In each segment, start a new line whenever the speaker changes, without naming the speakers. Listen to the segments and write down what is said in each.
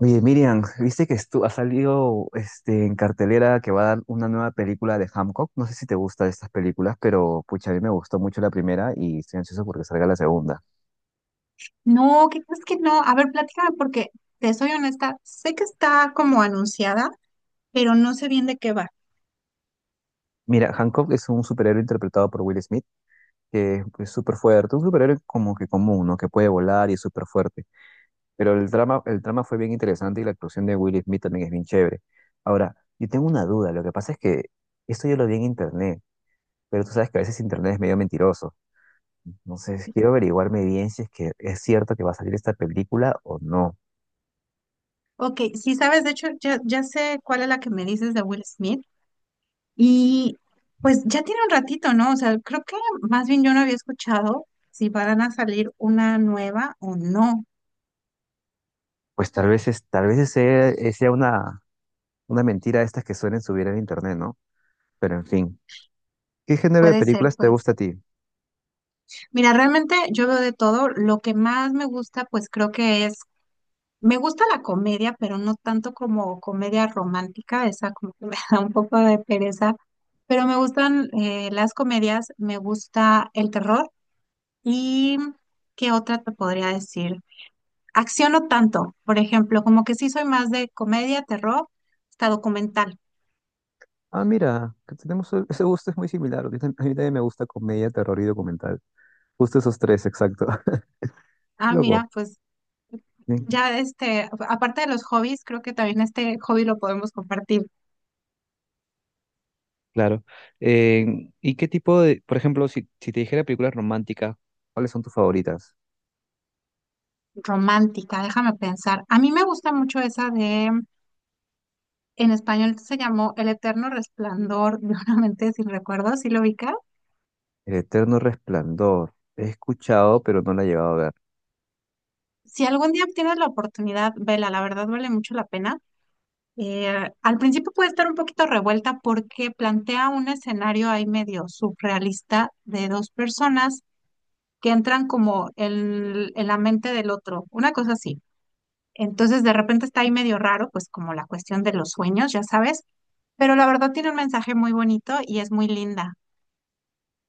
Oye, Miriam, viste que ha salido en cartelera que va a dar una nueva película de Hancock. No sé si te gustan estas películas, pero pucha, a mí me gustó mucho la primera y estoy ansioso porque salga la segunda.
No, ¿qué crees que no? A ver, platícame porque te soy honesta, sé que está como anunciada, pero no sé bien de qué va.
Mira, Hancock es un superhéroe interpretado por Will Smith, que es súper fuerte, un superhéroe como que común, ¿no? Que puede volar y es súper fuerte. Pero el drama fue bien interesante y la actuación de Will Smith también es bien chévere. Ahora, yo tengo una duda, lo que pasa es que esto yo lo vi en internet, pero tú sabes que a veces internet es medio mentiroso. Entonces, quiero averiguarme bien si es que es cierto que va a salir esta película o no.
Ok, sí sabes, de hecho ya sé cuál es la que me dices de Will Smith y pues ya tiene un ratito, ¿no? O sea, creo que más bien yo no había escuchado si van a salir una nueva o no.
Pues tal vez, es, tal vez sea, sea una mentira estas que suelen subir en internet, ¿no? Pero en fin, ¿qué género de
Puede ser,
películas te
puede
gusta a
ser.
ti?
Mira, realmente yo veo de todo. Lo que más me gusta, pues creo que es... Me gusta la comedia, pero no tanto como comedia romántica, esa como que me da un poco de pereza, pero me gustan las comedias, me gusta el terror y ¿qué otra te podría decir? Acción no tanto, por ejemplo, como que sí soy más de comedia, terror, hasta documental.
Ah, mira, que tenemos ese gusto es muy similar. A mí a mí también me gusta comedia, terror y documental. Justo esos tres, exacto.
Ah,
Loco.
mira, pues
Sí.
ya este, aparte de los hobbies, creo que también este hobby lo podemos compartir,
Claro. ¿Y qué tipo de, por ejemplo, si, si te dijera películas románticas, ¿cuáles son tus favoritas?
romántica, déjame pensar. A mí me gusta mucho esa de... En español se llamó El Eterno Resplandor de una mente sin recuerdos, ¿sí lo ubicas?
El Eterno Resplandor. He escuchado, pero no la he llevado a ver.
Si algún día tienes la oportunidad, vela, la verdad vale mucho la pena. Al principio puede estar un poquito revuelta porque plantea un escenario ahí medio surrealista de dos personas que entran como en la mente del otro, una cosa así. Entonces de repente está ahí medio raro, pues como la cuestión de los sueños, ya sabes, pero la verdad tiene un mensaje muy bonito y es muy linda.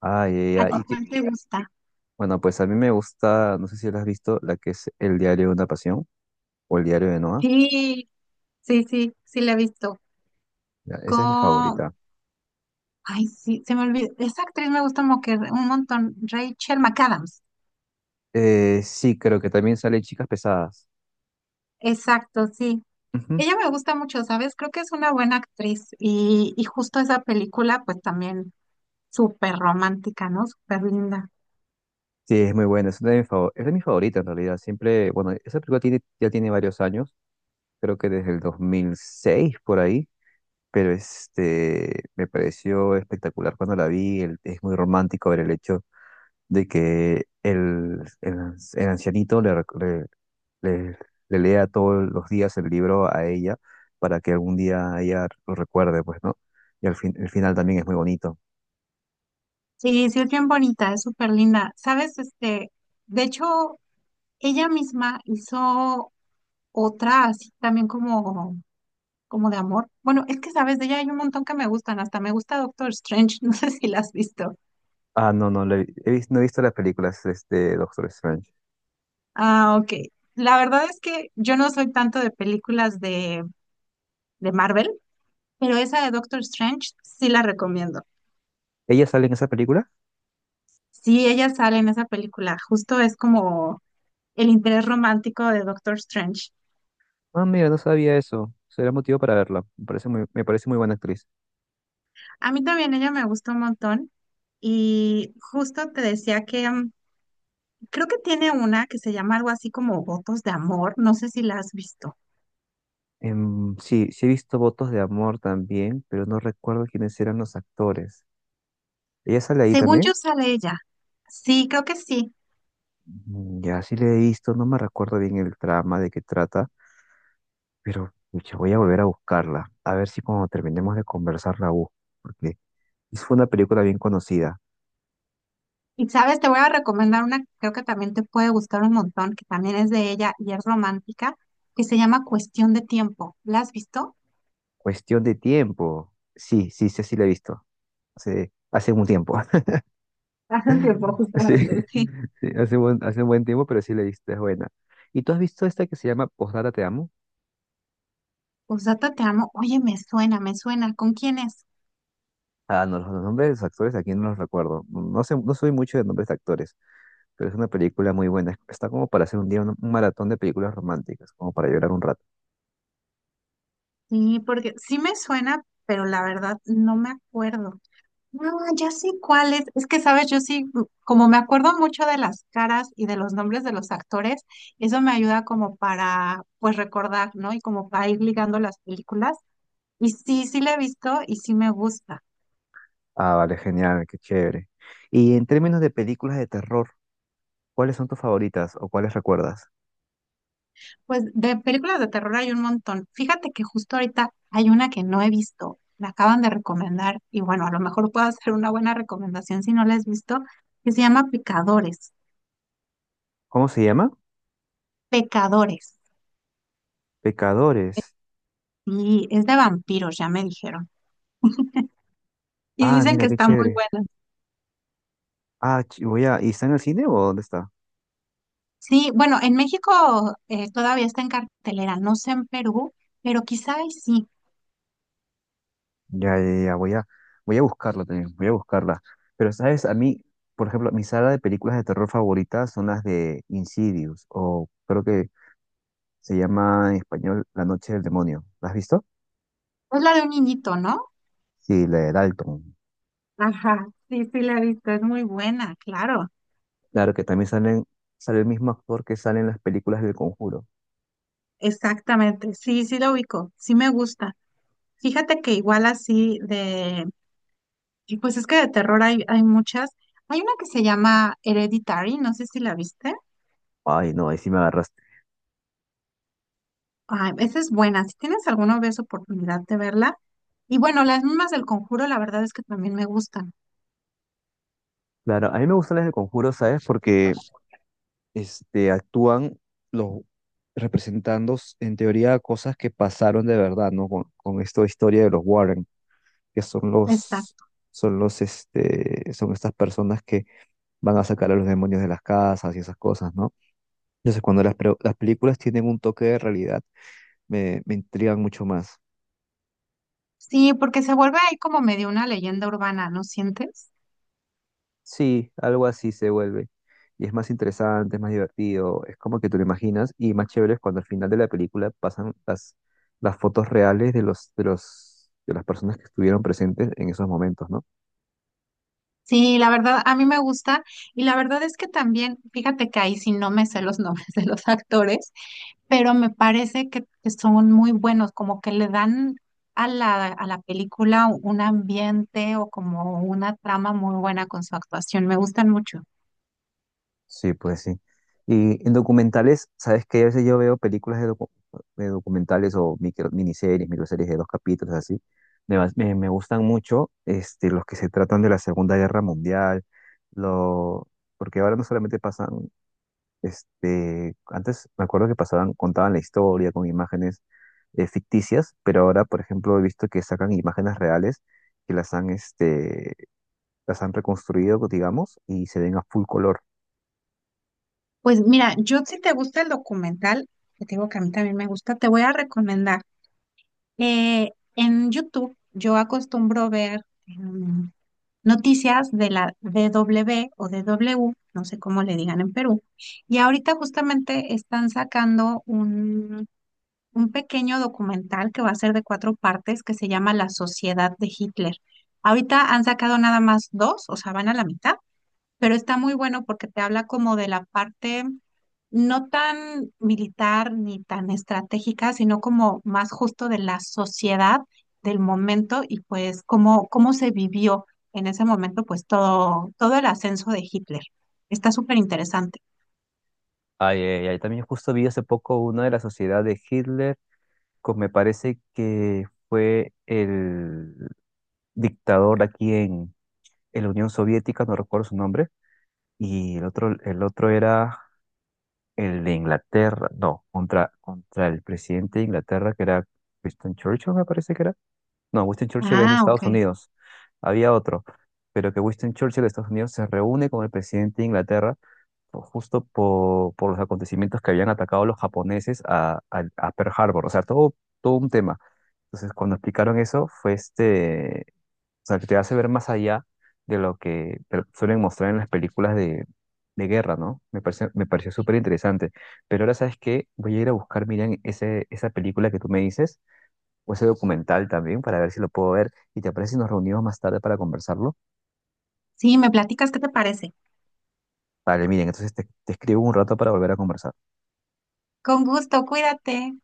Ah, ya,
¿A
ya,
ti ah,
y que,
cuál te gusta?
bueno, pues a mí me gusta, no sé si la has visto, la que es El Diario de una Pasión o El Diario de Noah.
Sí, sí, sí, sí la he visto.
Ya, esa es mi
Con...
favorita.
Ay, sí, se me olvidó. Esa actriz me gusta que un montón. Rachel McAdams.
Sí, creo que también sale Chicas Pesadas.
Exacto, sí.
Ujú.
Ella me gusta mucho, ¿sabes? Creo que es una buena actriz. Y justo esa película, pues también súper romántica, ¿no? Súper linda.
Sí, es muy buena, es una de mis es de mis favoritas en realidad. Siempre, bueno, esa película tiene, ya tiene varios años, creo que desde el 2006 por ahí, pero me pareció espectacular cuando la vi. Es muy romántico ver el hecho de que el ancianito le, rec- le- le, le lea todos los días el libro a ella para que algún día ella lo recuerde, pues, ¿no? Y al fin, el final también es muy bonito.
Sí, sí, es bien bonita, es súper linda. ¿Sabes? Este, de hecho, ella misma hizo otra así también como... como de amor. Bueno, es que sabes, de ella hay un montón que me gustan, hasta me gusta Doctor Strange, no sé si la has visto.
Ah, no, no, no he visto las películas de este Doctor Strange.
Ah, ok. La verdad es que yo no soy tanto de películas de Marvel, pero esa de Doctor Strange sí la recomiendo.
¿Ella sale en esa película?
Sí, ella sale en esa película, justo es como el interés romántico de Doctor Strange.
Ah, mira, no sabía eso. Será motivo para verla. Me parece muy buena actriz.
A mí también ella me gustó un montón y justo te decía que creo que tiene una que se llama algo así como Votos de Amor, no sé si la has visto.
Sí, sí he visto Votos de Amor también, pero no recuerdo quiénes eran los actores. ¿Ella sale ahí
Según
también?
yo sale ella. Sí, creo que sí.
Ya sí le he visto, no me recuerdo bien el trama de qué trata. Pero pucha, voy a volver a buscarla, a ver si cuando terminemos de conversar la busco, porque fue una película bien conocida.
Y sabes, te voy a recomendar una que creo que también te puede gustar un montón, que también es de ella y es romántica, que se llama Cuestión de Tiempo. ¿La has visto?
Cuestión de tiempo. Sí, sí, sí, sí la he visto. Hace, hace un tiempo.
Hace un tiempo,
Sí,
justamente. Sí.
sí, hace buen, hace un buen tiempo, pero sí la he visto, es buena. ¿Y tú has visto esta que se llama Postdata Te Amo?
Posdata, te amo. Oye, me suena, me suena. ¿Con quién es?
Ah, no, los nombres de los actores aquí no los recuerdo. No sé, no soy mucho de nombres de actores, pero es una película muy buena. Está como para hacer un día un maratón de películas románticas, como para llorar un rato.
Sí, porque sí me suena, pero la verdad no me acuerdo. No, ya sé cuál es. Es que, sabes, yo sí, como me acuerdo mucho de las caras y de los nombres de los actores, eso me ayuda como para, pues, recordar, ¿no? Y como para ir ligando las películas. Y sí, sí la he visto y sí me gusta.
Ah, vale, genial, qué chévere. Y en términos de películas de terror, ¿cuáles son tus favoritas o cuáles recuerdas?
Pues de películas de terror hay un montón. Fíjate que justo ahorita hay una que no he visto. Me acaban de recomendar y bueno, a lo mejor puedo hacer una buena recomendación si no la has visto, que se llama Pecadores.
¿Cómo se llama?
Pecadores.
Pecadores.
Y es de vampiros, ya me dijeron. Y
Ah,
dicen
mira,
que
qué
está muy
chévere.
buena.
Voy a... ¿Y está en el cine o dónde está?
Sí, bueno, en México todavía está en cartelera, no sé en Perú, pero quizá ahí sí.
Ya, ya, ya, voy a, voy a buscarla también, voy a buscarla. Pero, ¿sabes? A mí, por ejemplo, mi saga de películas de terror favoritas son las de Insidious, o creo que se llama en español La Noche del Demonio. ¿La has visto?
Es la de un niñito, ¿no?
Sí, la de Dalton.
Ajá, sí, sí la he visto, es muy buena, claro.
Claro que también salen, sale el mismo actor que sale en las películas del Conjuro.
Exactamente, sí, sí la ubico, sí me gusta. Fíjate que igual así de, y pues es que de terror hay, hay muchas. Hay una que se llama Hereditary, no sé si la viste.
Ay, no, ahí sí me agarraste.
Ay, esa es buena, si tienes alguna vez oportunidad de verla. Y bueno, las mismas del Conjuro, la verdad es que también me gustan.
Claro, a mí me gustan las de Conjuro, ¿sabes? Porque actúan los representando, en teoría, cosas que pasaron de verdad, ¿no? Con esta historia de los Warren, que son los, son los, son estas personas que van a sacar a los demonios de las casas y esas cosas, ¿no? Entonces, cuando las, las películas tienen un toque de realidad, me intrigan mucho más.
Sí, porque se vuelve ahí como medio una leyenda urbana, ¿no sientes?
Sí, algo así se vuelve. Y es más interesante, es más divertido, es como que tú lo imaginas y más chévere es cuando al final de la película pasan las fotos reales de los, de los, de las personas que estuvieron presentes en esos momentos, ¿no?
Sí, la verdad, a mí me gusta y la verdad es que también, fíjate que ahí sí no me sé los nombres de los actores, pero me parece que son muy buenos, como que le dan a a la película un ambiente o como una trama muy buena con su actuación, me gustan mucho.
Sí, pues sí. Y en documentales, ¿sabes qué? A veces yo veo películas de, de documentales o micro, miniseries, microseries de 2 capítulos así. Me gustan mucho los que se tratan de la Segunda Guerra Mundial, lo, porque ahora no solamente pasan. Antes me acuerdo que pasaban, contaban la historia con imágenes ficticias, pero ahora, por ejemplo, he visto que sacan imágenes reales que las han, las han reconstruido, digamos, y se ven a full color.
Pues mira, yo si te gusta el documental, que te digo que a mí también me gusta, te voy a recomendar. En YouTube yo acostumbro ver... noticias de la DW o DW, no sé cómo le digan en Perú, y ahorita justamente están sacando un pequeño documental que va a ser de cuatro partes que se llama La Sociedad de Hitler. Ahorita han sacado nada más dos, o sea, van a la mitad, pero está muy bueno porque te habla como de la parte no tan militar ni tan estratégica, sino como más justo de la sociedad del momento y pues cómo, cómo se vivió en ese momento pues todo, todo el ascenso de Hitler. Está súper interesante.
Ay, ay, ay, también justo vi hace poco una de la sociedad de Hitler, que me parece que fue el dictador aquí en la Unión Soviética, no recuerdo su nombre, y el otro era el de Inglaterra, no, contra, contra el presidente de Inglaterra, que era Winston Churchill, me parece que era. No, Winston Churchill es de
Ah, ok.
Estados Unidos. Había otro, pero que Winston Churchill de Estados Unidos se reúne con el presidente de Inglaterra justo por los acontecimientos que habían atacado los japoneses a, a Pearl Harbor, o sea, todo, todo un tema. Entonces, cuando explicaron eso, fue o sea, que te hace ver más allá de lo que te suelen mostrar en las películas de guerra, ¿no? Me pareció súper interesante. Pero ahora, ¿sabes qué? Voy a ir a buscar, Miriam, ese, esa película que tú me dices, o ese documental también, para ver si lo puedo ver. ¿Y te parece si nos reunimos más tarde para conversarlo?
Sí, me platicas qué te parece.
Vale, Miriam, entonces te escribo un rato para volver a conversar.
Con gusto, cuídate.